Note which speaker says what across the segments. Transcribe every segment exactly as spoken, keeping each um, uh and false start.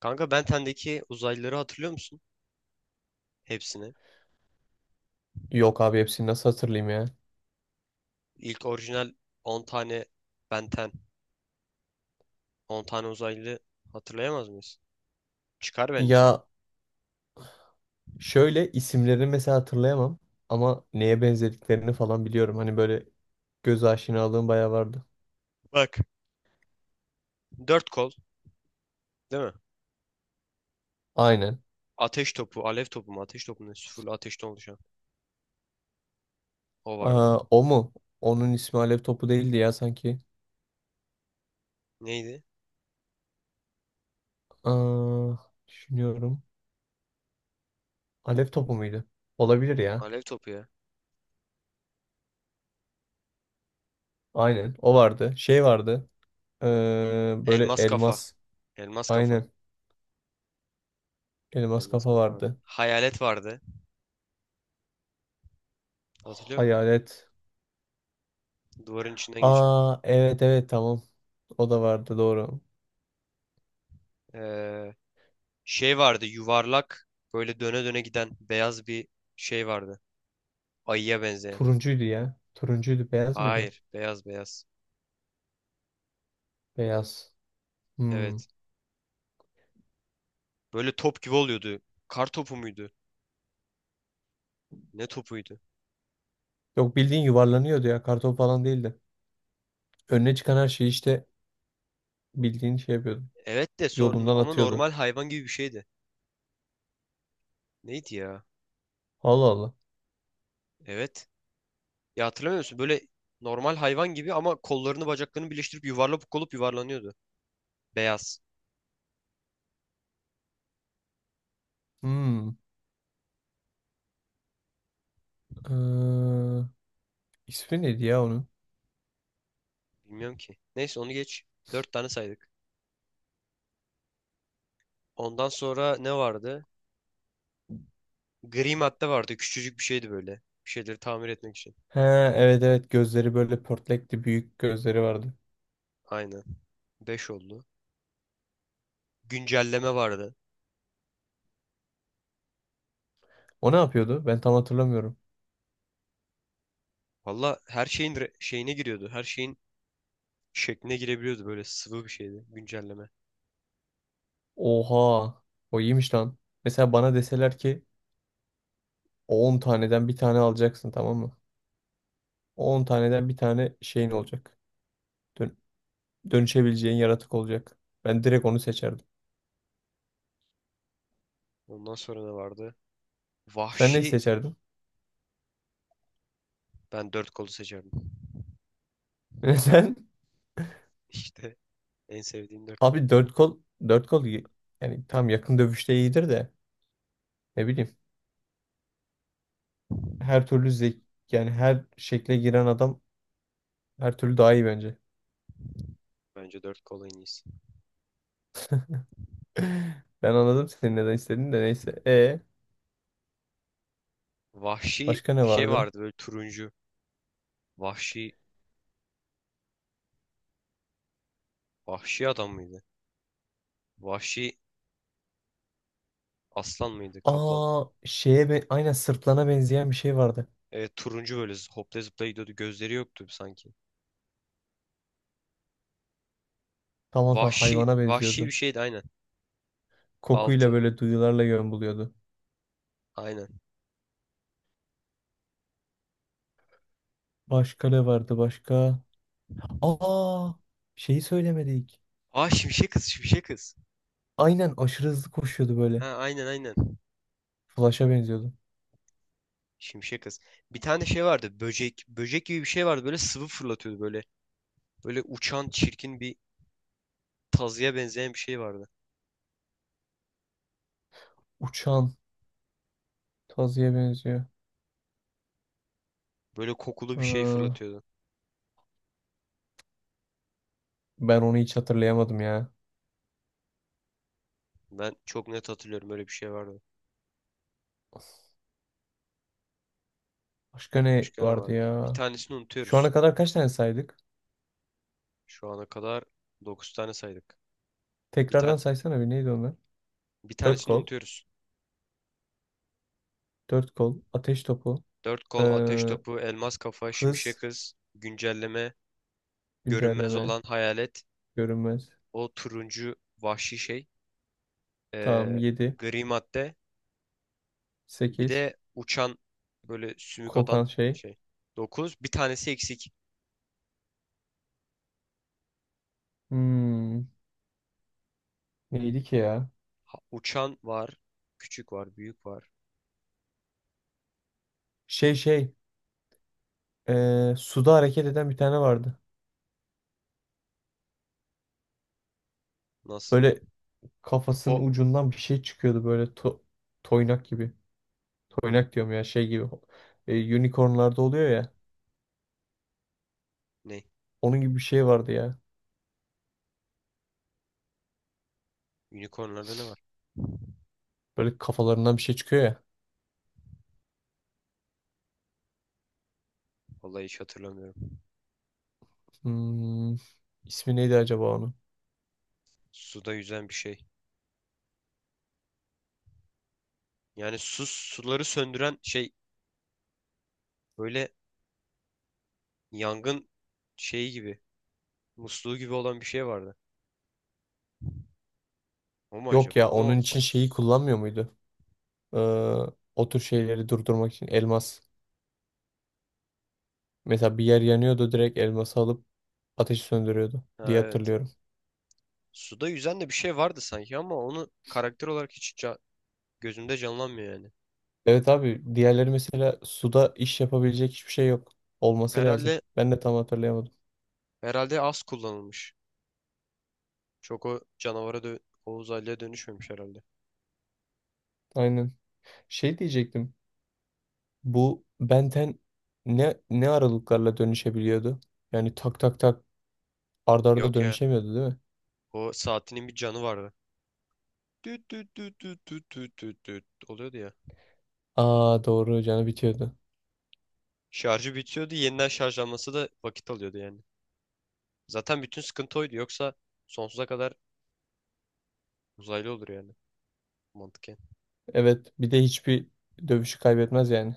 Speaker 1: Kanka Benten'deki uzaylıları hatırlıyor musun? Hepsini.
Speaker 2: Yok abi hepsini nasıl hatırlayayım ya?
Speaker 1: İlk orijinal on tane Benten, on tane uzaylı hatırlayamaz mıyız? Çıkar bence.
Speaker 2: Ya şöyle isimlerini mesela hatırlayamam ama neye benzediklerini falan biliyorum. Hani böyle göz aşinalığım bayağı vardı.
Speaker 1: Bak. Dört kol, değil mi?
Speaker 2: Aynen.
Speaker 1: Ateş topu, alev topu mu? Ateş topu mu? Sıfırlı ateşten oluşan. O vardı.
Speaker 2: Aa, o mu? Onun ismi Alev Topu değildi ya sanki.
Speaker 1: Neydi?
Speaker 2: Aa, düşünüyorum. Alev Topu muydu? Olabilir ya.
Speaker 1: Alev topu ya.
Speaker 2: Aynen. O vardı. Şey vardı. Ee, böyle
Speaker 1: Elmas kafa.
Speaker 2: elmas.
Speaker 1: Elmas kafa.
Speaker 2: Aynen. Elmas
Speaker 1: Elmas
Speaker 2: kafa
Speaker 1: kafa vardı.
Speaker 2: vardı.
Speaker 1: Hayalet vardı. Hatırlıyor musun?
Speaker 2: Hayalet.
Speaker 1: Duvarın içinden geçiyor.
Speaker 2: Aa, evet evet, tamam. O da vardı, doğru.
Speaker 1: Ee, Şey vardı. Yuvarlak, böyle döne döne giden beyaz bir şey vardı. Ayıya benzeyen.
Speaker 2: Turuncuydu ya. Turuncuydu. Beyaz mıydı? o?
Speaker 1: Hayır. Beyaz beyaz.
Speaker 2: Beyaz. Hmm.
Speaker 1: Evet. Böyle top gibi oluyordu. Kar topu muydu? Ne topuydu?
Speaker 2: Yok, bildiğin yuvarlanıyordu ya. Karton falan değildi. Önüne çıkan her şeyi işte bildiğin şey yapıyordu.
Speaker 1: Evet de sor,
Speaker 2: Yolundan
Speaker 1: ama
Speaker 2: atıyordu.
Speaker 1: normal hayvan gibi bir şeydi. Neydi ya?
Speaker 2: Allah Allah.
Speaker 1: Evet. Ya hatırlamıyor musun? Böyle normal hayvan gibi, ama kollarını bacaklarını birleştirip yuvarlak olup yuvarlanıyordu. Beyaz.
Speaker 2: Hmm. Ee, ismi neydi ya onun?
Speaker 1: Bilmiyorum ki. Neyse, onu geç. Dört tane saydık. Ondan sonra ne vardı? Gri madde vardı. Küçücük bir şeydi böyle. Bir şeyleri tamir etmek için.
Speaker 2: He, evet evet, gözleri böyle pörtlekti. Büyük gözleri vardı.
Speaker 1: Aynen. Beş oldu. Güncelleme vardı.
Speaker 2: O ne yapıyordu? Ben tam hatırlamıyorum.
Speaker 1: Valla her şeyin re- şeyine giriyordu. Her şeyin şekline girebiliyordu, böyle sıvı bir şeydi güncelleme.
Speaker 2: Oha. O iyiymiş lan. Mesela bana deseler ki on taneden bir tane alacaksın, tamam mı? on taneden bir tane şeyin olacak. Dön- Dönüşebileceğin yaratık olacak. Ben direkt onu seçerdim.
Speaker 1: Ondan sonra ne vardı?
Speaker 2: Sen neyi
Speaker 1: Vahşi
Speaker 2: seçerdin?
Speaker 1: Ben dört kolu seçerdim.
Speaker 2: Sen,
Speaker 1: İşte en sevdiğim dört kol.
Speaker 2: abi dört kol, dört kol iyi. Yani tam yakın dövüşte iyidir de, ne bileyim, her türlü zek yani, her şekle giren adam her türlü daha iyi bence.
Speaker 1: Bence dört kol en iyisi.
Speaker 2: Ben anladım senin neden istediğini de, neyse. E
Speaker 1: Vahşi
Speaker 2: başka ne
Speaker 1: bir şey
Speaker 2: vardı?
Speaker 1: vardı, böyle turuncu. Vahşi vahşi adam mıydı? Vahşi aslan mıydı? Kaplan mıydı?
Speaker 2: Aa, şeye be, aynen, sırtlana benzeyen bir şey vardı.
Speaker 1: Evet, turuncu, böyle z- hopla zıpla gidiyordu. Gözleri yoktu sanki.
Speaker 2: Tamam tamam,
Speaker 1: Vahşi
Speaker 2: hayvana
Speaker 1: vahşi bir
Speaker 2: benziyordu.
Speaker 1: şeydi aynen.
Speaker 2: Kokuyla,
Speaker 1: Altı.
Speaker 2: böyle duyularla yön buluyordu.
Speaker 1: Aynen.
Speaker 2: Başka ne vardı başka? Aa, şeyi söylemedik.
Speaker 1: Aa, şimşek kız, şimşek kız.
Speaker 2: Aynen, aşırı hızlı koşuyordu böyle.
Speaker 1: Ha, aynen aynen.
Speaker 2: Flash'a benziyordu.
Speaker 1: Şimşek kız. Bir tane şey vardı. Böcek. Böcek gibi bir şey vardı. Böyle sıvı fırlatıyordu böyle. Böyle uçan çirkin bir tazıya benzeyen bir şey vardı.
Speaker 2: Uçan Tazi'ye benziyor.
Speaker 1: Böyle kokulu bir şey
Speaker 2: Aa,
Speaker 1: fırlatıyordu.
Speaker 2: ben onu hiç hatırlayamadım ya.
Speaker 1: Ben çok net hatırlıyorum. Öyle bir şey vardı.
Speaker 2: Başka ne
Speaker 1: Başka ne
Speaker 2: vardı
Speaker 1: vardı? Bir
Speaker 2: ya?
Speaker 1: tanesini
Speaker 2: Şu ana
Speaker 1: unutuyoruz.
Speaker 2: kadar kaç tane saydık?
Speaker 1: Şu ana kadar dokuz tane saydık. Bir
Speaker 2: Tekrardan
Speaker 1: tane
Speaker 2: saysana bir, neydi onlar?
Speaker 1: Bir
Speaker 2: Dört
Speaker 1: tanesini
Speaker 2: kol,
Speaker 1: unutuyoruz.
Speaker 2: dört kol, ateş topu,
Speaker 1: Dört kol, ateş
Speaker 2: ee,
Speaker 1: topu, elmas kafa, şimşek
Speaker 2: hız,
Speaker 1: kız, güncelleme, görünmez
Speaker 2: güncelleme,
Speaker 1: olan hayalet,
Speaker 2: görünmez.
Speaker 1: o turuncu vahşi şey,
Speaker 2: Tamam,
Speaker 1: ee,
Speaker 2: yedi,
Speaker 1: gri madde, bir
Speaker 2: sekiz.
Speaker 1: de uçan böyle sümük
Speaker 2: Kokan
Speaker 1: atan
Speaker 2: şey.
Speaker 1: şey. Dokuz. Bir tanesi eksik.
Speaker 2: Hmm, neydi ki ya?
Speaker 1: Ha- Uçan var. Küçük var. Büyük var.
Speaker 2: Şey şey, ee, suda hareket eden bir tane vardı.
Speaker 1: Nasıl var?
Speaker 2: Böyle
Speaker 1: Ho,
Speaker 2: kafasının ucundan bir şey çıkıyordu, böyle to- toynak gibi. Toynak diyorum ya, şey gibi. E, unicornlarda oluyor ya.
Speaker 1: ne?
Speaker 2: Onun gibi bir şey vardı ya.
Speaker 1: Unicornlarda ne var?
Speaker 2: Böyle kafalarından bir şey çıkıyor ya.
Speaker 1: Vallahi hiç hatırlamıyorum.
Speaker 2: Hmm, ismi neydi acaba onun?
Speaker 1: Suda yüzen bir şey. Yani su suları söndüren şey, böyle yangın şeyi gibi. Musluğu gibi olan bir şey vardı. O mu
Speaker 2: Yok
Speaker 1: acaba?
Speaker 2: ya,
Speaker 1: Ama o.
Speaker 2: onun için şeyi
Speaker 1: s-
Speaker 2: kullanmıyor muydu? Ee, O tür şeyleri durdurmak için elmas. Mesela bir yer yanıyordu, direkt elması alıp ateşi söndürüyordu
Speaker 1: Ha,
Speaker 2: diye
Speaker 1: evet.
Speaker 2: hatırlıyorum.
Speaker 1: Suda yüzen de bir şey vardı sanki, ama onu karakter olarak hiç ca- gözümde canlanmıyor yani.
Speaker 2: Evet abi, diğerleri mesela suda iş yapabilecek hiçbir şey yok. Olması lazım.
Speaker 1: Herhalde
Speaker 2: Ben de tam hatırlayamadım.
Speaker 1: herhalde az kullanılmış. Çok o canavara dö o uzaylıya dönüşmemiş herhalde.
Speaker 2: Aynen. Şey diyecektim. Bu Benten ne ne aralıklarla dönüşebiliyordu? Yani tak tak tak, arda arda
Speaker 1: Yok ya.
Speaker 2: dönüşemiyordu, değil mi?
Speaker 1: O saatinin bir canı vardı. Düt düt düt düt düt düt düt düt oluyordu ya.
Speaker 2: Aa doğru, canı bitiyordu.
Speaker 1: Şarjı bitiyordu. Yeniden şarjlanması da vakit alıyordu yani. Zaten bütün sıkıntı oydu. Yoksa sonsuza kadar uzaylı olur yani. Mantıken.
Speaker 2: Evet, bir de hiçbir dövüşü kaybetmez yani.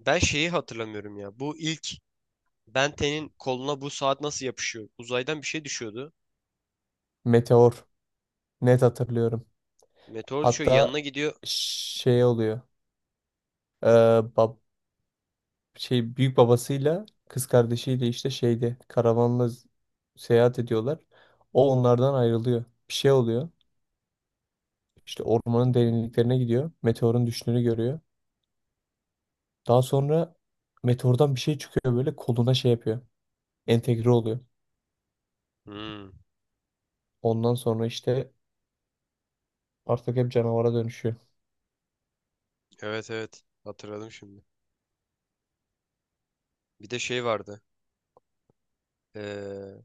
Speaker 1: Ben şeyi hatırlamıyorum ya. Bu ilk Benten'in koluna bu saat nasıl yapışıyor? Uzaydan bir şey düşüyordu.
Speaker 2: Meteor. Net hatırlıyorum.
Speaker 1: Meteor düşüyor. Yanına
Speaker 2: Hatta
Speaker 1: gidiyor.
Speaker 2: şey oluyor. Ee, bab şey büyük babasıyla kız kardeşiyle işte şeyde karavanla z- seyahat ediyorlar. O onlardan ayrılıyor. Bir şey oluyor. İşte ormanın derinliklerine gidiyor. Meteorun düştüğünü görüyor. Daha sonra meteordan bir şey çıkıyor, böyle koluna şey yapıyor. Entegre oluyor.
Speaker 1: Hmm,
Speaker 2: Ondan sonra işte artık hep canavara dönüşüyor.
Speaker 1: evet, evet. Hatırladım şimdi. Bir de şey vardı. Ee,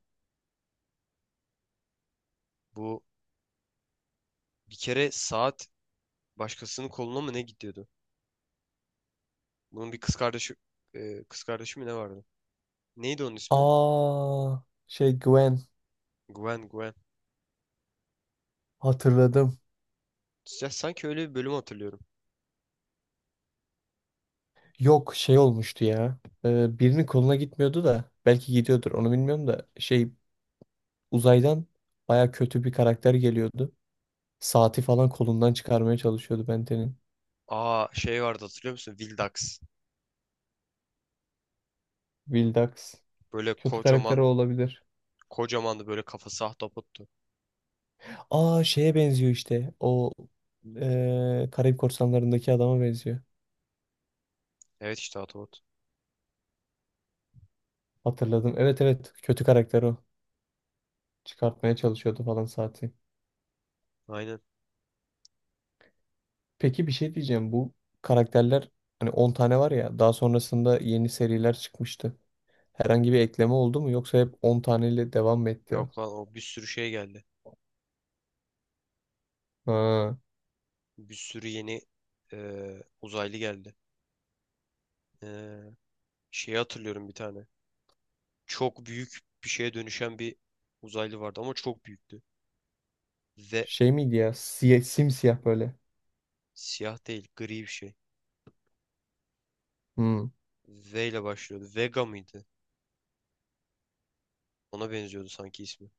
Speaker 1: Bu bir kere saat başkasının koluna mı ne gidiyordu? Bunun bir kız kardeşi e, kız kardeşi mi ne vardı? Neydi onun ismi?
Speaker 2: Aa, şey, Gwen,
Speaker 1: Gwen, Gwen.
Speaker 2: hatırladım.
Speaker 1: Ya sanki öyle bir bölüm hatırlıyorum.
Speaker 2: Yok, şey olmuştu ya. Ee, birinin koluna gitmiyordu da, belki gidiyordur onu bilmiyorum da, şey, uzaydan baya kötü bir karakter geliyordu. Saati falan kolundan çıkarmaya çalışıyordu Benten'in.
Speaker 1: Aa, şey vardı, hatırlıyor musun? Vildax.
Speaker 2: Vildax.
Speaker 1: Böyle
Speaker 2: Kötü karakter
Speaker 1: kocaman
Speaker 2: olabilir.
Speaker 1: kocamandı, böyle kafası ahtapottu.
Speaker 2: Aa, şeye benziyor işte. O, eee Karayip Korsanları'ndaki adama benziyor.
Speaker 1: Evet, işte ahtapot.
Speaker 2: Hatırladım. Evet evet. Kötü karakter o. Çıkartmaya çalışıyordu falan saati.
Speaker 1: Aynen.
Speaker 2: Peki bir şey diyeceğim. Bu karakterler hani on tane var ya. Daha sonrasında yeni seriler çıkmıştı. Herhangi bir ekleme oldu mu? Yoksa hep on taneyle devam mı etti?
Speaker 1: Yok lan, o bir sürü şey geldi.
Speaker 2: Ha.
Speaker 1: Bir sürü yeni e, uzaylı geldi. E, Şeyi hatırlıyorum, bir tane. Çok büyük bir şeye dönüşen bir uzaylı vardı, ama çok büyüktü. Ve
Speaker 2: Şey miydi ya? Siyah, simsiyah böyle.
Speaker 1: Siyah değil, gri bir şey.
Speaker 2: Hmm.
Speaker 1: V ile başlıyordu. Vega mıydı? Ona benziyordu sanki ismi.